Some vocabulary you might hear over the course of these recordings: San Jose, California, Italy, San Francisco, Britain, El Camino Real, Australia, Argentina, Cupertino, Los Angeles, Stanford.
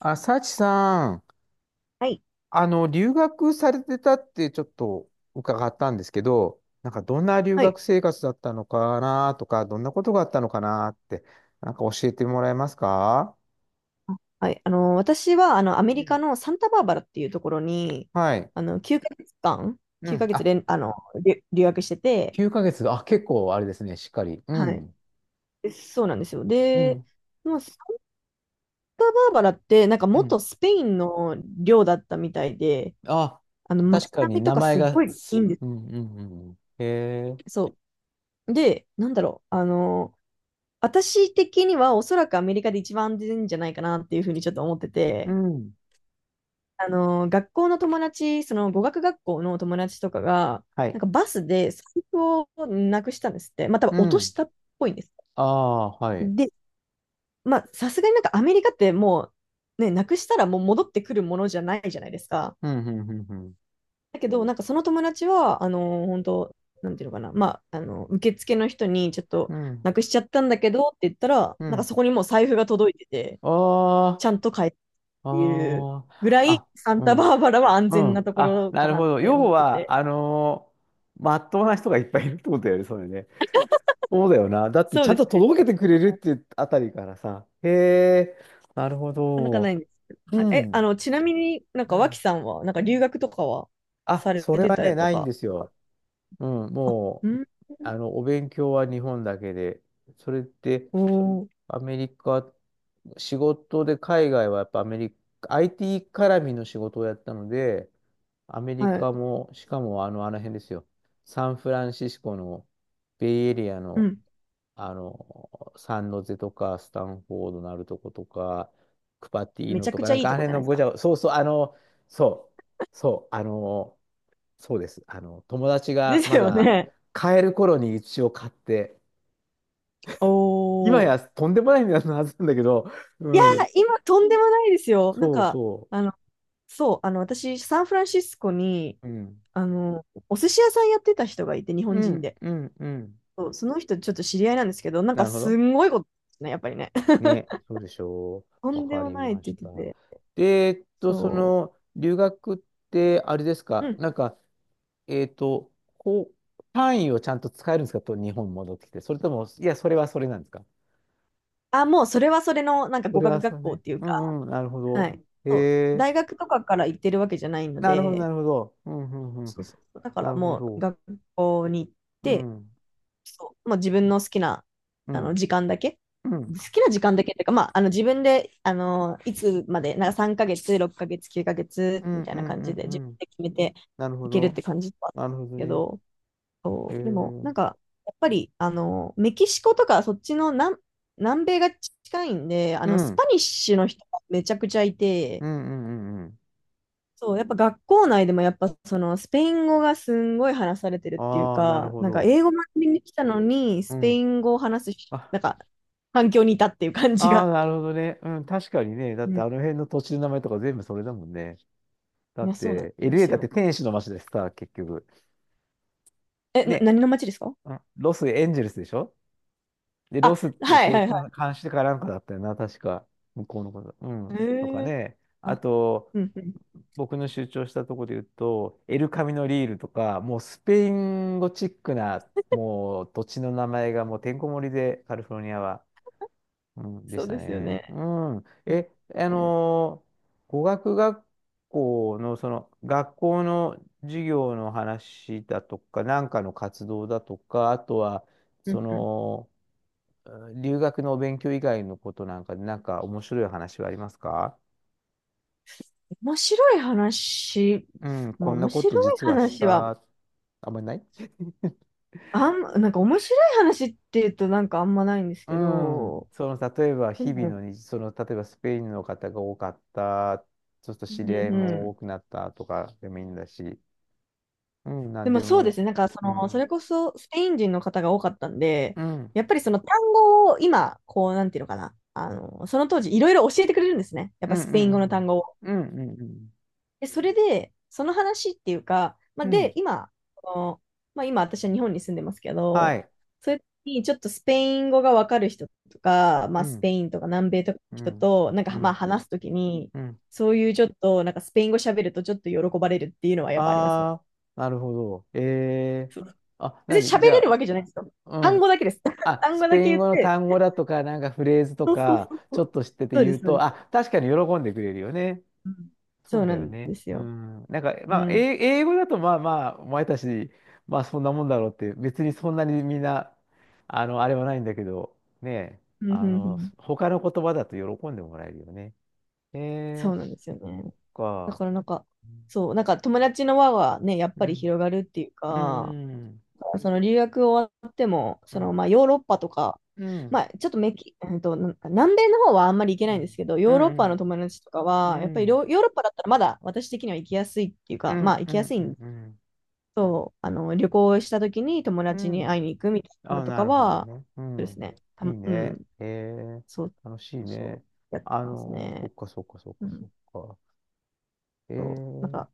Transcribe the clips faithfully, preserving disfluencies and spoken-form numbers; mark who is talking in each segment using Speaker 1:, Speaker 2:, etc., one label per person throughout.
Speaker 1: あ、幸さん、
Speaker 2: はい。
Speaker 1: あの、留学されてたってちょっと伺ったんですけど、なんかどんな留
Speaker 2: はい。
Speaker 1: 学生活だったのかなとか、どんなことがあったのかなって、なんか教えてもらえますか？
Speaker 2: はい。あの、私は、あの、アメ
Speaker 1: う
Speaker 2: リ
Speaker 1: ん。
Speaker 2: カのサンタバーバラっていうところに、
Speaker 1: はい。
Speaker 2: あの、きゅうかげつかん、
Speaker 1: う
Speaker 2: 9
Speaker 1: ん。
Speaker 2: ヶ月
Speaker 1: あ、
Speaker 2: 連、あの、留留学してて、
Speaker 1: きゅうかげつが、あ、結構あれですね、しっかり。う
Speaker 2: はい。
Speaker 1: ん。
Speaker 2: で、そうなんですよ。
Speaker 1: う
Speaker 2: で、
Speaker 1: ん。
Speaker 2: もうサンタバーバラって、なんか
Speaker 1: うん。
Speaker 2: 元スペインの領だったみたいで、
Speaker 1: あ、
Speaker 2: あの、
Speaker 1: 確
Speaker 2: 街
Speaker 1: か
Speaker 2: 並
Speaker 1: に
Speaker 2: みと
Speaker 1: 名
Speaker 2: か
Speaker 1: 前
Speaker 2: すご
Speaker 1: が、
Speaker 2: いいい
Speaker 1: す
Speaker 2: んです。
Speaker 1: うんうんうんうん。へえ。
Speaker 2: そう。で、なんだろう、あの、私的にはおそらくアメリカで一番安全じゃないかなっていうふうにちょっと思って
Speaker 1: う
Speaker 2: て、
Speaker 1: ん。
Speaker 2: あの、学校の友達、その語学学校の友達とかが、
Speaker 1: は
Speaker 2: なん
Speaker 1: い。
Speaker 2: かバスで財布をなくしたんですって。まあ、多分
Speaker 1: う
Speaker 2: 落と
Speaker 1: ん。
Speaker 2: したっぽいんです。
Speaker 1: ああ、はい。
Speaker 2: で、まあ、さすがになんかアメリカってもう、ね、なくしたらもう戻ってくるものじゃないじゃないですか。
Speaker 1: うん、うん、うん、うん。
Speaker 2: だけど、なんかその友達は、あの、本当なんていうのかな、まあ、あの、受付の人にちょっと
Speaker 1: うん。
Speaker 2: なくしちゃったんだけどって言ったら、
Speaker 1: う
Speaker 2: なんか
Speaker 1: ん。
Speaker 2: そこにもう財布が届いてて、
Speaker 1: ああ、
Speaker 2: ちゃんと帰ってっていう
Speaker 1: あ
Speaker 2: ぐ
Speaker 1: あ、
Speaker 2: らい、
Speaker 1: あ、
Speaker 2: サン
Speaker 1: う
Speaker 2: タ
Speaker 1: ん、
Speaker 2: バーバラは安
Speaker 1: う
Speaker 2: 全な
Speaker 1: ん。
Speaker 2: とこ
Speaker 1: あ、
Speaker 2: ろ
Speaker 1: な
Speaker 2: か
Speaker 1: る
Speaker 2: な
Speaker 1: ほ
Speaker 2: っ
Speaker 1: ど。
Speaker 2: て思っ
Speaker 1: 要
Speaker 2: て
Speaker 1: は、
Speaker 2: て。
Speaker 1: あのーまっとうな人がいっぱいいるってことだよね、それね。そうだよな。だって、
Speaker 2: そ
Speaker 1: ち
Speaker 2: う
Speaker 1: ゃ
Speaker 2: で
Speaker 1: ん
Speaker 2: す
Speaker 1: と
Speaker 2: ね。
Speaker 1: 届けてくれるっ
Speaker 2: な
Speaker 1: ていうあたりからさ。へえ、なるほ
Speaker 2: かなかな
Speaker 1: ど。
Speaker 2: いんですけど。
Speaker 1: う
Speaker 2: はい、え、
Speaker 1: ん、
Speaker 2: あの、ちなみになん
Speaker 1: う
Speaker 2: か脇
Speaker 1: ん。
Speaker 2: さんは、なんか留学とかは
Speaker 1: あ、
Speaker 2: され
Speaker 1: それ
Speaker 2: て
Speaker 1: は
Speaker 2: た
Speaker 1: ね、
Speaker 2: りと
Speaker 1: ないんで
Speaker 2: か、
Speaker 1: す
Speaker 2: なん
Speaker 1: よ。
Speaker 2: か、
Speaker 1: うん、
Speaker 2: あ、
Speaker 1: も
Speaker 2: う
Speaker 1: う、
Speaker 2: ん、
Speaker 1: あの、お勉強は日本だけで、それって、
Speaker 2: おー、
Speaker 1: アメリカ、仕事で海外はやっぱアメリカ、アイティー 絡みの仕事をやったので、アメリ
Speaker 2: はい、
Speaker 1: カも、しかもあの、あの辺ですよ。サンフランシスコのベイエリア
Speaker 2: う
Speaker 1: の、
Speaker 2: ん。
Speaker 1: あの、サンノゼとか、スタンフォードのあるとことか、クパティー
Speaker 2: めち
Speaker 1: ノ
Speaker 2: ゃ
Speaker 1: と
Speaker 2: く
Speaker 1: か、
Speaker 2: ちゃ
Speaker 1: なん
Speaker 2: いい
Speaker 1: かあ
Speaker 2: と
Speaker 1: の
Speaker 2: こじ
Speaker 1: 辺
Speaker 2: ゃな
Speaker 1: の
Speaker 2: いです
Speaker 1: ごち
Speaker 2: か。
Speaker 1: ゃご、そうそう、あの、そう、そう、あの、そうです。あの、友達
Speaker 2: で
Speaker 1: が
Speaker 2: す
Speaker 1: ま
Speaker 2: よ
Speaker 1: だ
Speaker 2: ね。
Speaker 1: 買える頃に一応買って、今
Speaker 2: おー。
Speaker 1: やとんでもない値段のはずなんだけど、う
Speaker 2: いや
Speaker 1: ん、
Speaker 2: ー、今、とんでもないですよ。なん
Speaker 1: そう
Speaker 2: か、
Speaker 1: そ
Speaker 2: あの、そう、あの、私、サンフランシスコに、
Speaker 1: う、うん、
Speaker 2: あの、お寿司屋さんやってた人がいて、日
Speaker 1: う
Speaker 2: 本人
Speaker 1: ん、
Speaker 2: で。
Speaker 1: うん、うん、
Speaker 2: そう、その人、ちょっと知り合いなんですけど、なん
Speaker 1: な
Speaker 2: か、
Speaker 1: るほ
Speaker 2: す
Speaker 1: ど。
Speaker 2: んごいことですね、やっぱりね。
Speaker 1: ね、そうでしょ
Speaker 2: と
Speaker 1: う。わ
Speaker 2: んで
Speaker 1: か
Speaker 2: も
Speaker 1: り
Speaker 2: ないっ
Speaker 1: ま
Speaker 2: て
Speaker 1: し
Speaker 2: 言っ
Speaker 1: た。
Speaker 2: てて。
Speaker 1: で、えっと、そ
Speaker 2: そう。
Speaker 1: の、留学って、あれです
Speaker 2: う
Speaker 1: か、
Speaker 2: ん。
Speaker 1: なんか、えっと、こう、単位をちゃんと使えるんですかと、日本戻ってきて。それとも、いや、それはそれなんですか？
Speaker 2: あ、もうそれはそれのなんか
Speaker 1: そ
Speaker 2: 語
Speaker 1: れは
Speaker 2: 学
Speaker 1: そ
Speaker 2: 学
Speaker 1: れ
Speaker 2: 校っ
Speaker 1: ね。
Speaker 2: ていう
Speaker 1: う
Speaker 2: か、
Speaker 1: んうん、なるほ
Speaker 2: は
Speaker 1: ど。
Speaker 2: い。
Speaker 1: へ
Speaker 2: そう。
Speaker 1: え、
Speaker 2: 大学とかから行ってるわけじゃないの
Speaker 1: なるほど、な
Speaker 2: で、
Speaker 1: るほど。うんうんうん。
Speaker 2: そうそう。だか
Speaker 1: な
Speaker 2: ら
Speaker 1: るほ
Speaker 2: もう
Speaker 1: ど。
Speaker 2: 学校に行っ
Speaker 1: う
Speaker 2: て、
Speaker 1: ん、
Speaker 2: そう、もう自分の好きな
Speaker 1: う
Speaker 2: あの
Speaker 1: ん、
Speaker 2: 時間だけ、
Speaker 1: うん、う
Speaker 2: 好
Speaker 1: ん、
Speaker 2: きな時間だけっていうか、まあ、あの自分であのいつまで、なんかさんかげつ、ろっかげつ、きゅうかげつ
Speaker 1: う
Speaker 2: み
Speaker 1: ん、
Speaker 2: たい
Speaker 1: う
Speaker 2: な感
Speaker 1: ん、
Speaker 2: じで
Speaker 1: う
Speaker 2: 自分
Speaker 1: ん。
Speaker 2: で決めて
Speaker 1: なるほ
Speaker 2: いけるっ
Speaker 1: ど。
Speaker 2: て感じだったんで
Speaker 1: なるほ
Speaker 2: す
Speaker 1: ど
Speaker 2: け
Speaker 1: ね。
Speaker 2: ど、そ
Speaker 1: へえ、
Speaker 2: う、でも、
Speaker 1: う
Speaker 2: なん
Speaker 1: ん、
Speaker 2: か、やっぱり、あの、メキシコとか、そっちの南、南米が近いんで、あ
Speaker 1: う
Speaker 2: の、ス
Speaker 1: ん、
Speaker 2: パニッシュの人がめちゃくちゃいて、
Speaker 1: うん、うん。うん。
Speaker 2: そう、やっぱ学校内でも、やっぱ、その、スペイン語がすんごい話されてるっていう
Speaker 1: ああ、なる
Speaker 2: か、
Speaker 1: ほ
Speaker 2: なんか、
Speaker 1: ど。
Speaker 2: 英語学びに来たのに、
Speaker 1: う
Speaker 2: スペ
Speaker 1: ん。
Speaker 2: イン語を話すし、
Speaker 1: あ、
Speaker 2: なんか、環境にいたっていう感じ
Speaker 1: ああ、
Speaker 2: が。
Speaker 1: なるほどね。うん、確かにね。だっ
Speaker 2: う
Speaker 1: てあ
Speaker 2: ん。
Speaker 1: の辺の土地の名前とか全部それだもんね。だ
Speaker 2: い
Speaker 1: っ
Speaker 2: や、そうなん
Speaker 1: て、
Speaker 2: で
Speaker 1: エルエー
Speaker 2: す
Speaker 1: だって
Speaker 2: よ。
Speaker 1: 天使の街でさ、結局。
Speaker 2: え、な、
Speaker 1: ね。
Speaker 2: 何の街ですか？
Speaker 1: うん。ロス、エンジェルスでしょ？で、
Speaker 2: あ、
Speaker 1: ロスって
Speaker 2: はい
Speaker 1: 定
Speaker 2: はいは
Speaker 1: 冠、監視かなんかだったよな、確か。向こうのこと。う
Speaker 2: い。
Speaker 1: ん。とか
Speaker 2: へえ。
Speaker 1: ね。あ
Speaker 2: あ、
Speaker 1: と、
Speaker 2: うんうん。
Speaker 1: 僕の主張したところで言うと、エルカミノリールとか、もうスペイン語チックな、もう土地の名前がもうてんこ盛りで、カリフォルニアは。うん、で
Speaker 2: そ
Speaker 1: し
Speaker 2: う
Speaker 1: た
Speaker 2: ですよ
Speaker 1: ね。
Speaker 2: ね。
Speaker 1: うん。え、あ
Speaker 2: えー
Speaker 1: のー語学学校の、その、学校の授業の話だとか、なんかの活動だとか、あとは、
Speaker 2: う
Speaker 1: そ
Speaker 2: んうん
Speaker 1: の、うん。留学のお勉強以外のことなんかで、なんか面白い話はありますか？
Speaker 2: 面白い話、
Speaker 1: うん、
Speaker 2: ま
Speaker 1: こ
Speaker 2: あ
Speaker 1: んな
Speaker 2: 面
Speaker 1: こ
Speaker 2: 白
Speaker 1: と
Speaker 2: い
Speaker 1: 実はし
Speaker 2: 話は、
Speaker 1: た、あんまりない
Speaker 2: あん、なんか面白い話って言うとなんかあんまないんです
Speaker 1: う
Speaker 2: け
Speaker 1: ん、
Speaker 2: ど、
Speaker 1: その例えば
Speaker 2: う
Speaker 1: 日々の
Speaker 2: ん、
Speaker 1: 日、その例えばスペインの方が多かった、ちょっと
Speaker 2: う
Speaker 1: 知
Speaker 2: ん
Speaker 1: り合い
Speaker 2: う
Speaker 1: も
Speaker 2: ん。
Speaker 1: 多くなったとかでもいいんだし、うん、な
Speaker 2: で
Speaker 1: ん
Speaker 2: も
Speaker 1: で
Speaker 2: そうです
Speaker 1: も、
Speaker 2: ね、なんかそ
Speaker 1: う
Speaker 2: の、そ
Speaker 1: ん、
Speaker 2: れこそスペイン人の方が多かったんで、
Speaker 1: うん、
Speaker 2: やっぱりその単語を今、こう、なんていうのかな、あの、その当時いろいろ教えてくれるんですね。やっ
Speaker 1: う
Speaker 2: ぱ
Speaker 1: ん、う
Speaker 2: スペイン語の単
Speaker 1: ん、
Speaker 2: 語を。
Speaker 1: うん、うん、うん、
Speaker 2: で、それで、その話っていうか、ま
Speaker 1: う
Speaker 2: あ、
Speaker 1: ん、うん。
Speaker 2: で、今、あのまあ、今私は日本に住んでますけ
Speaker 1: は
Speaker 2: ど、
Speaker 1: い、
Speaker 2: そういう時にちょっとスペイン語がわかる人とか、ま
Speaker 1: う
Speaker 2: あ、スペ
Speaker 1: ん、
Speaker 2: インとか南米とかの
Speaker 1: う
Speaker 2: 人
Speaker 1: ん、
Speaker 2: と、なん
Speaker 1: う
Speaker 2: かまあ
Speaker 1: ん、
Speaker 2: 話すときに、
Speaker 1: うん。
Speaker 2: そういうちょっと、なんかスペイン語喋るとちょっと喜ばれるっていうのはやっぱありますね。
Speaker 1: あー、なるほど。えー、
Speaker 2: そう
Speaker 1: あ、な
Speaker 2: 別
Speaker 1: に、
Speaker 2: に喋
Speaker 1: じ
Speaker 2: れる
Speaker 1: ゃ
Speaker 2: わけじゃないですよ。
Speaker 1: あ、う
Speaker 2: 単
Speaker 1: ん。
Speaker 2: 語だけです。
Speaker 1: あ、
Speaker 2: 単
Speaker 1: ス
Speaker 2: 語だ
Speaker 1: ペイ
Speaker 2: け
Speaker 1: ン
Speaker 2: 言っ
Speaker 1: 語の
Speaker 2: て、
Speaker 1: 単語だとか、なんかフレーズと
Speaker 2: そうそう
Speaker 1: か、
Speaker 2: そうそ
Speaker 1: ちょっ
Speaker 2: う。
Speaker 1: と知ってて
Speaker 2: そうで
Speaker 1: 言う
Speaker 2: す、そう
Speaker 1: と、
Speaker 2: です。
Speaker 1: あ、確かに喜んでくれるよね。
Speaker 2: うん、
Speaker 1: そ
Speaker 2: そ
Speaker 1: う
Speaker 2: う
Speaker 1: だ
Speaker 2: な
Speaker 1: よ
Speaker 2: ん
Speaker 1: ね。
Speaker 2: です
Speaker 1: う
Speaker 2: よ。
Speaker 1: ん。なんか、
Speaker 2: う
Speaker 1: まあ、英
Speaker 2: ん。
Speaker 1: 英語だと、まあまあ、お前たち、まあそんなもんだろうって、別にそんなにみんな、あの、あれはないんだけど、ね
Speaker 2: うんうん
Speaker 1: あ
Speaker 2: う
Speaker 1: の、
Speaker 2: ん、
Speaker 1: 他の言葉だと喜んでもらえるよね。
Speaker 2: そ
Speaker 1: え
Speaker 2: うなんですよね。だ
Speaker 1: か。
Speaker 2: からなんか、そう、なんか友達の輪はね、やっ
Speaker 1: う
Speaker 2: ぱり
Speaker 1: ん。
Speaker 2: 広がるっていう
Speaker 1: う
Speaker 2: か、
Speaker 1: ん。
Speaker 2: その留学終わっても、
Speaker 1: うん。
Speaker 2: そ
Speaker 1: う
Speaker 2: の
Speaker 1: ん。
Speaker 2: まあヨーロッパとか、
Speaker 1: う
Speaker 2: ま
Speaker 1: ん。
Speaker 2: あちょっとメキ、えっと、なんか南米の方はあんまり行け
Speaker 1: う
Speaker 2: ないんです
Speaker 1: ん。
Speaker 2: けど、
Speaker 1: う
Speaker 2: ヨーロッパの
Speaker 1: ん。
Speaker 2: 友達とか
Speaker 1: う
Speaker 2: は、やっぱり
Speaker 1: ん。
Speaker 2: ヨヨーロッパだったらまだ私的には行きやすいっていう
Speaker 1: う
Speaker 2: か、ま
Speaker 1: ん。
Speaker 2: あ行
Speaker 1: う
Speaker 2: きや
Speaker 1: ん。
Speaker 2: すい
Speaker 1: うん。
Speaker 2: ん、
Speaker 1: うん。うん。
Speaker 2: そう、あの旅行した時に友
Speaker 1: う
Speaker 2: 達に会い
Speaker 1: ん。
Speaker 2: に行くみたいなの
Speaker 1: あ、
Speaker 2: と
Speaker 1: な
Speaker 2: か
Speaker 1: るほど
Speaker 2: は、
Speaker 1: ね。う
Speaker 2: そうです
Speaker 1: ん。
Speaker 2: ね、た
Speaker 1: いい
Speaker 2: う
Speaker 1: ね。
Speaker 2: ん、
Speaker 1: えー、
Speaker 2: そう、
Speaker 1: 楽しい
Speaker 2: そ
Speaker 1: ね。
Speaker 2: う、やって
Speaker 1: あ
Speaker 2: ます
Speaker 1: のー、そっ
Speaker 2: ね。
Speaker 1: かそっかそっ
Speaker 2: う
Speaker 1: かそ
Speaker 2: ん、
Speaker 1: っか。え
Speaker 2: そう、なん
Speaker 1: ー、
Speaker 2: か、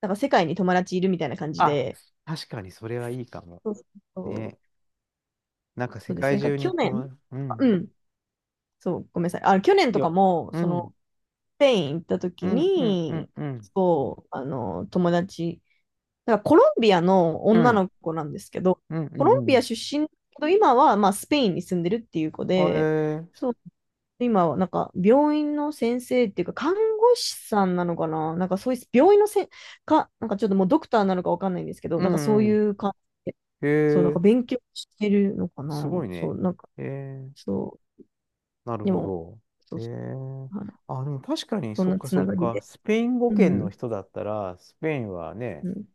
Speaker 2: なんか世界に友達いるみたいな感じ
Speaker 1: あ、
Speaker 2: で、
Speaker 1: 確かにそれはいいかも。
Speaker 2: そうそうそう、
Speaker 1: ね。なんか世
Speaker 2: そうです
Speaker 1: 界
Speaker 2: ね。が
Speaker 1: 中に
Speaker 2: 去年、
Speaker 1: 友達、う
Speaker 2: あう
Speaker 1: ん。
Speaker 2: ん、そう、ごめんなさい。あ、去年とか
Speaker 1: よ、
Speaker 2: も、
Speaker 1: う
Speaker 2: そ
Speaker 1: ん。
Speaker 2: の、スペイン行った
Speaker 1: う
Speaker 2: 時
Speaker 1: ん、うん、うん、
Speaker 2: に、
Speaker 1: うん。
Speaker 2: そう、あの、友達、だからコロンビアの
Speaker 1: う
Speaker 2: 女
Speaker 1: ん、
Speaker 2: の子なんですけど、
Speaker 1: うん、う
Speaker 2: コロン
Speaker 1: ん、う
Speaker 2: ビア
Speaker 1: ん。
Speaker 2: 出身だけど、今は、まあ、スペインに住んでるっていう子
Speaker 1: あえ
Speaker 2: で、
Speaker 1: ー、
Speaker 2: そう、今は、なんか、病院の先生っていうか、看護師さんなのかな、なんか、そういう、病院のせん、か、なんかちょっともうドクターなのかわかんないんですけど、
Speaker 1: う
Speaker 2: なんかそ
Speaker 1: ん、
Speaker 2: う
Speaker 1: う
Speaker 2: い
Speaker 1: ん。
Speaker 2: う感じ、
Speaker 1: え
Speaker 2: そう、なんか
Speaker 1: ー、
Speaker 2: 勉強してるのか
Speaker 1: す
Speaker 2: な。
Speaker 1: ごい
Speaker 2: そ
Speaker 1: ね。
Speaker 2: う、なんか、
Speaker 1: えー、
Speaker 2: そう、
Speaker 1: なる
Speaker 2: で
Speaker 1: ほ
Speaker 2: も、
Speaker 1: ど。
Speaker 2: そ
Speaker 1: え
Speaker 2: うそ
Speaker 1: ー。
Speaker 2: う、はい、
Speaker 1: あ、でも確かに、
Speaker 2: そん
Speaker 1: そっ
Speaker 2: な
Speaker 1: か
Speaker 2: つ
Speaker 1: そ
Speaker 2: な
Speaker 1: っ
Speaker 2: がり
Speaker 1: か。
Speaker 2: で。
Speaker 1: スペイン語
Speaker 2: う
Speaker 1: 圏の
Speaker 2: ん、
Speaker 1: 人だったら、スペインはね、
Speaker 2: うん。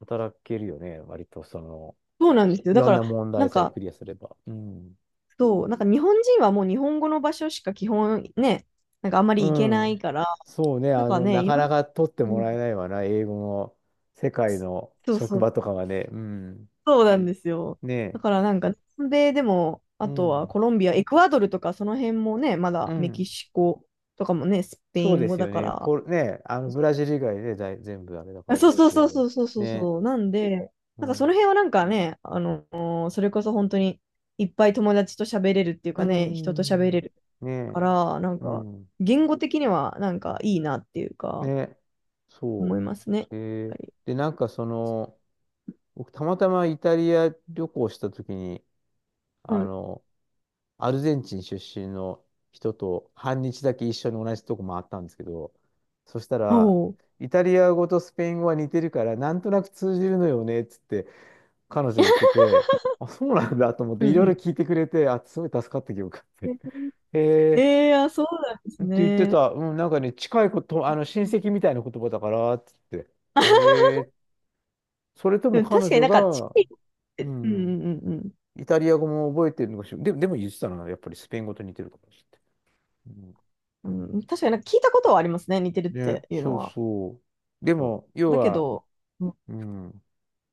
Speaker 1: 働けるよね、割とその、
Speaker 2: そうなんですよ。
Speaker 1: い
Speaker 2: だ
Speaker 1: ろ
Speaker 2: か
Speaker 1: んな
Speaker 2: ら、
Speaker 1: 問
Speaker 2: な
Speaker 1: 題
Speaker 2: ん
Speaker 1: さえ
Speaker 2: か、
Speaker 1: クリアすれば。うん。
Speaker 2: そう、なんか日本人はもう日本語の場所しか基本ね、なんかあんま
Speaker 1: う
Speaker 2: り行けない
Speaker 1: ん。
Speaker 2: から、
Speaker 1: そうね。
Speaker 2: なん
Speaker 1: あ
Speaker 2: か
Speaker 1: の、
Speaker 2: ね、
Speaker 1: な
Speaker 2: い
Speaker 1: か
Speaker 2: ろん、
Speaker 1: なか取って
Speaker 2: う
Speaker 1: も
Speaker 2: ん、
Speaker 1: らえないわな。英語の世界の
Speaker 2: そう
Speaker 1: 職
Speaker 2: そう、
Speaker 1: 場とかはね。うん。
Speaker 2: そうなんですよ。
Speaker 1: ね
Speaker 2: だ
Speaker 1: え。
Speaker 2: からなんか、南米でも、
Speaker 1: う
Speaker 2: あとは
Speaker 1: ん。
Speaker 2: コロンビア、エクアドルとかその辺もね、ま
Speaker 1: う
Speaker 2: だメキ
Speaker 1: ん。
Speaker 2: シコとかもね、スペ
Speaker 1: そ
Speaker 2: イ
Speaker 1: う
Speaker 2: ン
Speaker 1: で
Speaker 2: 語
Speaker 1: す
Speaker 2: だ
Speaker 1: よ
Speaker 2: か
Speaker 1: ね。
Speaker 2: ら、
Speaker 1: ポル、ねえ、あの、ブラジル以外でだい全部あれだから。
Speaker 2: そうそう
Speaker 1: う
Speaker 2: そうそ
Speaker 1: ん。
Speaker 2: うそうそ
Speaker 1: ね
Speaker 2: う
Speaker 1: え。
Speaker 2: そう。なんで、
Speaker 1: う
Speaker 2: なんかそ
Speaker 1: ん。
Speaker 2: の辺はなんかね、あの、それこそ本当にいっぱい友達と喋れるっていう
Speaker 1: う
Speaker 2: かね、人と喋
Speaker 1: ん。う
Speaker 2: れ
Speaker 1: ん。
Speaker 2: る
Speaker 1: ね
Speaker 2: か
Speaker 1: え。
Speaker 2: ら、なん
Speaker 1: う
Speaker 2: か
Speaker 1: ん。
Speaker 2: 言語的にはなんかいいなっていう
Speaker 1: ね
Speaker 2: か、
Speaker 1: え。
Speaker 2: 思
Speaker 1: そ
Speaker 2: いますね。やっ
Speaker 1: う。え
Speaker 2: ぱ
Speaker 1: ー、
Speaker 2: り
Speaker 1: で、なんかその、僕、たまたまイタリア旅行した時に、あ
Speaker 2: はい。
Speaker 1: の、アルゼンチン出身の人と半日だけ一緒に同じとこ回ったんですけど、そした
Speaker 2: お
Speaker 1: ら、
Speaker 2: お。
Speaker 1: イタリア語とスペイン語は似てるから、なんとなく通じるのよねっつって彼女言ってて、あ、そうなんだと思って、
Speaker 2: う
Speaker 1: いろ
Speaker 2: んう
Speaker 1: いろ
Speaker 2: ん。
Speaker 1: 聞いてくれて、あ、すごい助かった記憶があって。へえ。
Speaker 2: ええー、あ、そうなんです
Speaker 1: って言って
Speaker 2: ね。
Speaker 1: た、うん、なんかね、近いこと、あの親戚みたいな言葉だからっつって、へ え。それとも
Speaker 2: でも確
Speaker 1: 彼
Speaker 2: かに
Speaker 1: 女
Speaker 2: なんかチ
Speaker 1: が、
Speaker 2: キンっ
Speaker 1: う
Speaker 2: て、うん
Speaker 1: ん、
Speaker 2: うんうん
Speaker 1: イタリア語も覚えてるのかしら。で、でも言ってたのは、やっぱりスペイン語と似てるかもしれない。うん、
Speaker 2: うん。うん、確かになんか聞いたことはありますね、似てるっ
Speaker 1: ね、
Speaker 2: ていう
Speaker 1: そ
Speaker 2: の
Speaker 1: う
Speaker 2: は。
Speaker 1: そう。で
Speaker 2: そ
Speaker 1: も、
Speaker 2: う
Speaker 1: 要
Speaker 2: だけ
Speaker 1: は、
Speaker 2: ど、うん
Speaker 1: うん、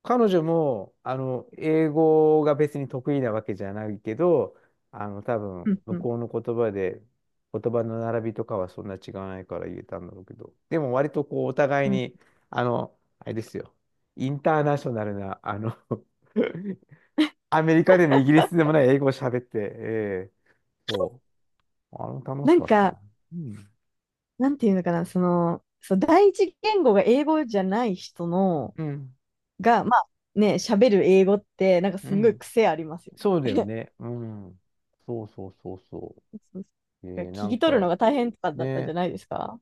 Speaker 1: 彼女も、あの、英語が別に得意なわけじゃないけど、あの、多
Speaker 2: う
Speaker 1: 分、
Speaker 2: んう
Speaker 1: 向
Speaker 2: ん。
Speaker 1: こうの言葉で、言葉の並びとかはそんな違わないから言えたんだろうけど、でも割とこう、お互いに、あの、あれですよ、インターナショナルな、あの アメリカでもイギリスでもない英語を喋って、えーそう。あれも楽
Speaker 2: な
Speaker 1: し
Speaker 2: ん
Speaker 1: かった
Speaker 2: か、
Speaker 1: な。うん。
Speaker 2: なんていうのかな、その、そう、第一言語が英語じゃない人の、
Speaker 1: うん。
Speaker 2: が、まあね、喋る英語って、なんかす
Speaker 1: う
Speaker 2: んごい
Speaker 1: ん。
Speaker 2: 癖ありますよ。
Speaker 1: そうだよね。うん。そうそうそうそ
Speaker 2: そう
Speaker 1: う。
Speaker 2: そう
Speaker 1: え
Speaker 2: 聞
Speaker 1: ー、なん
Speaker 2: き取るの
Speaker 1: か、
Speaker 2: が大変とかだったんじゃ
Speaker 1: ね、
Speaker 2: ないですか？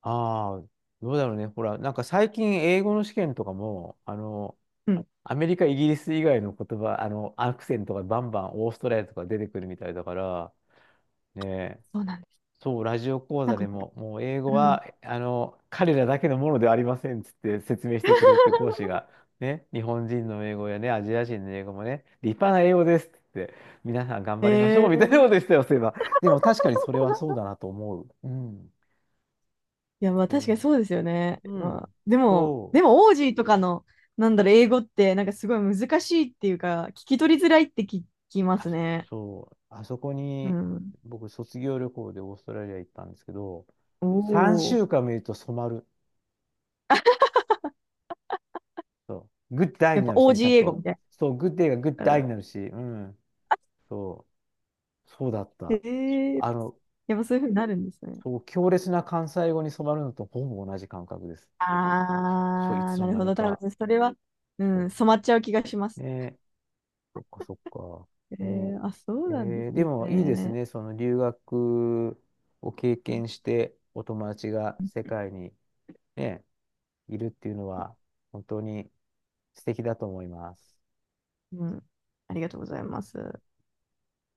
Speaker 1: ああ、どうだろうね。ほら、なんか最近英語の試験とかも、あの、
Speaker 2: うん、
Speaker 1: アメリカ、イギリス以外の言葉、あの、アクセントがバンバンオーストラリアとか出てくるみたいだから、ね、
Speaker 2: そうなんです。
Speaker 1: そう、ラジオ講
Speaker 2: なん
Speaker 1: 座
Speaker 2: か、
Speaker 1: でも、もう英語
Speaker 2: うん。
Speaker 1: は、あの、彼らだけのものではありませんっつって説明してくれて、講師 が、ね、日本人の英語やね、アジア人の英語もね、立派な英語ですっつって、皆さん頑
Speaker 2: へ
Speaker 1: 張りましょう
Speaker 2: え、
Speaker 1: みたいなこ
Speaker 2: い
Speaker 1: とでしたよ、そういえば。でも確かにそれはそうだなと思う。うん。
Speaker 2: や、まあ確かに
Speaker 1: そ
Speaker 2: そうですよね。
Speaker 1: う。う
Speaker 2: まあ、
Speaker 1: ん。
Speaker 2: でも、
Speaker 1: そう。
Speaker 2: でも、オージーとかの、なんだろう、英語って、なんかすごい難しいっていうか、聞き取りづらいって聞きま
Speaker 1: あ、
Speaker 2: すね。
Speaker 1: そう。あそこ
Speaker 2: う
Speaker 1: に、
Speaker 2: ん。
Speaker 1: 僕、卒業旅行でオーストラリア行ったんですけど、
Speaker 2: お
Speaker 1: 3
Speaker 2: お、
Speaker 1: 週間見ると染まる。そう。グッドアイ
Speaker 2: やっ
Speaker 1: に
Speaker 2: ぱ
Speaker 1: なるし
Speaker 2: オー
Speaker 1: ね、ち
Speaker 2: ジー
Speaker 1: ゃん
Speaker 2: 英語
Speaker 1: と。
Speaker 2: みたい
Speaker 1: そう、グッデイがグッドアイに
Speaker 2: な。
Speaker 1: なるし、うん。そう、そうだっ
Speaker 2: え
Speaker 1: た。
Speaker 2: え、
Speaker 1: あの、
Speaker 2: やっぱそういうふうになるんですね。
Speaker 1: そう、強烈な関西語に染まるのとほぼ同じ感覚です。そう、い
Speaker 2: ああ、
Speaker 1: つの
Speaker 2: なる
Speaker 1: 間
Speaker 2: ほ
Speaker 1: に
Speaker 2: ど。多
Speaker 1: か。
Speaker 2: 分それは、う
Speaker 1: そ
Speaker 2: ん、染まっちゃう気がしま
Speaker 1: う。
Speaker 2: す。
Speaker 1: ねえ、そっかそっか。
Speaker 2: え
Speaker 1: ね
Speaker 2: えあ、そう
Speaker 1: え、
Speaker 2: なんで
Speaker 1: え
Speaker 2: す
Speaker 1: ーでもいいです
Speaker 2: ね。
Speaker 1: ね。その留学を経験して、お友達が世界にね、いるっていうのは、本当に素敵だと思います。
Speaker 2: うん、ありがとうございます。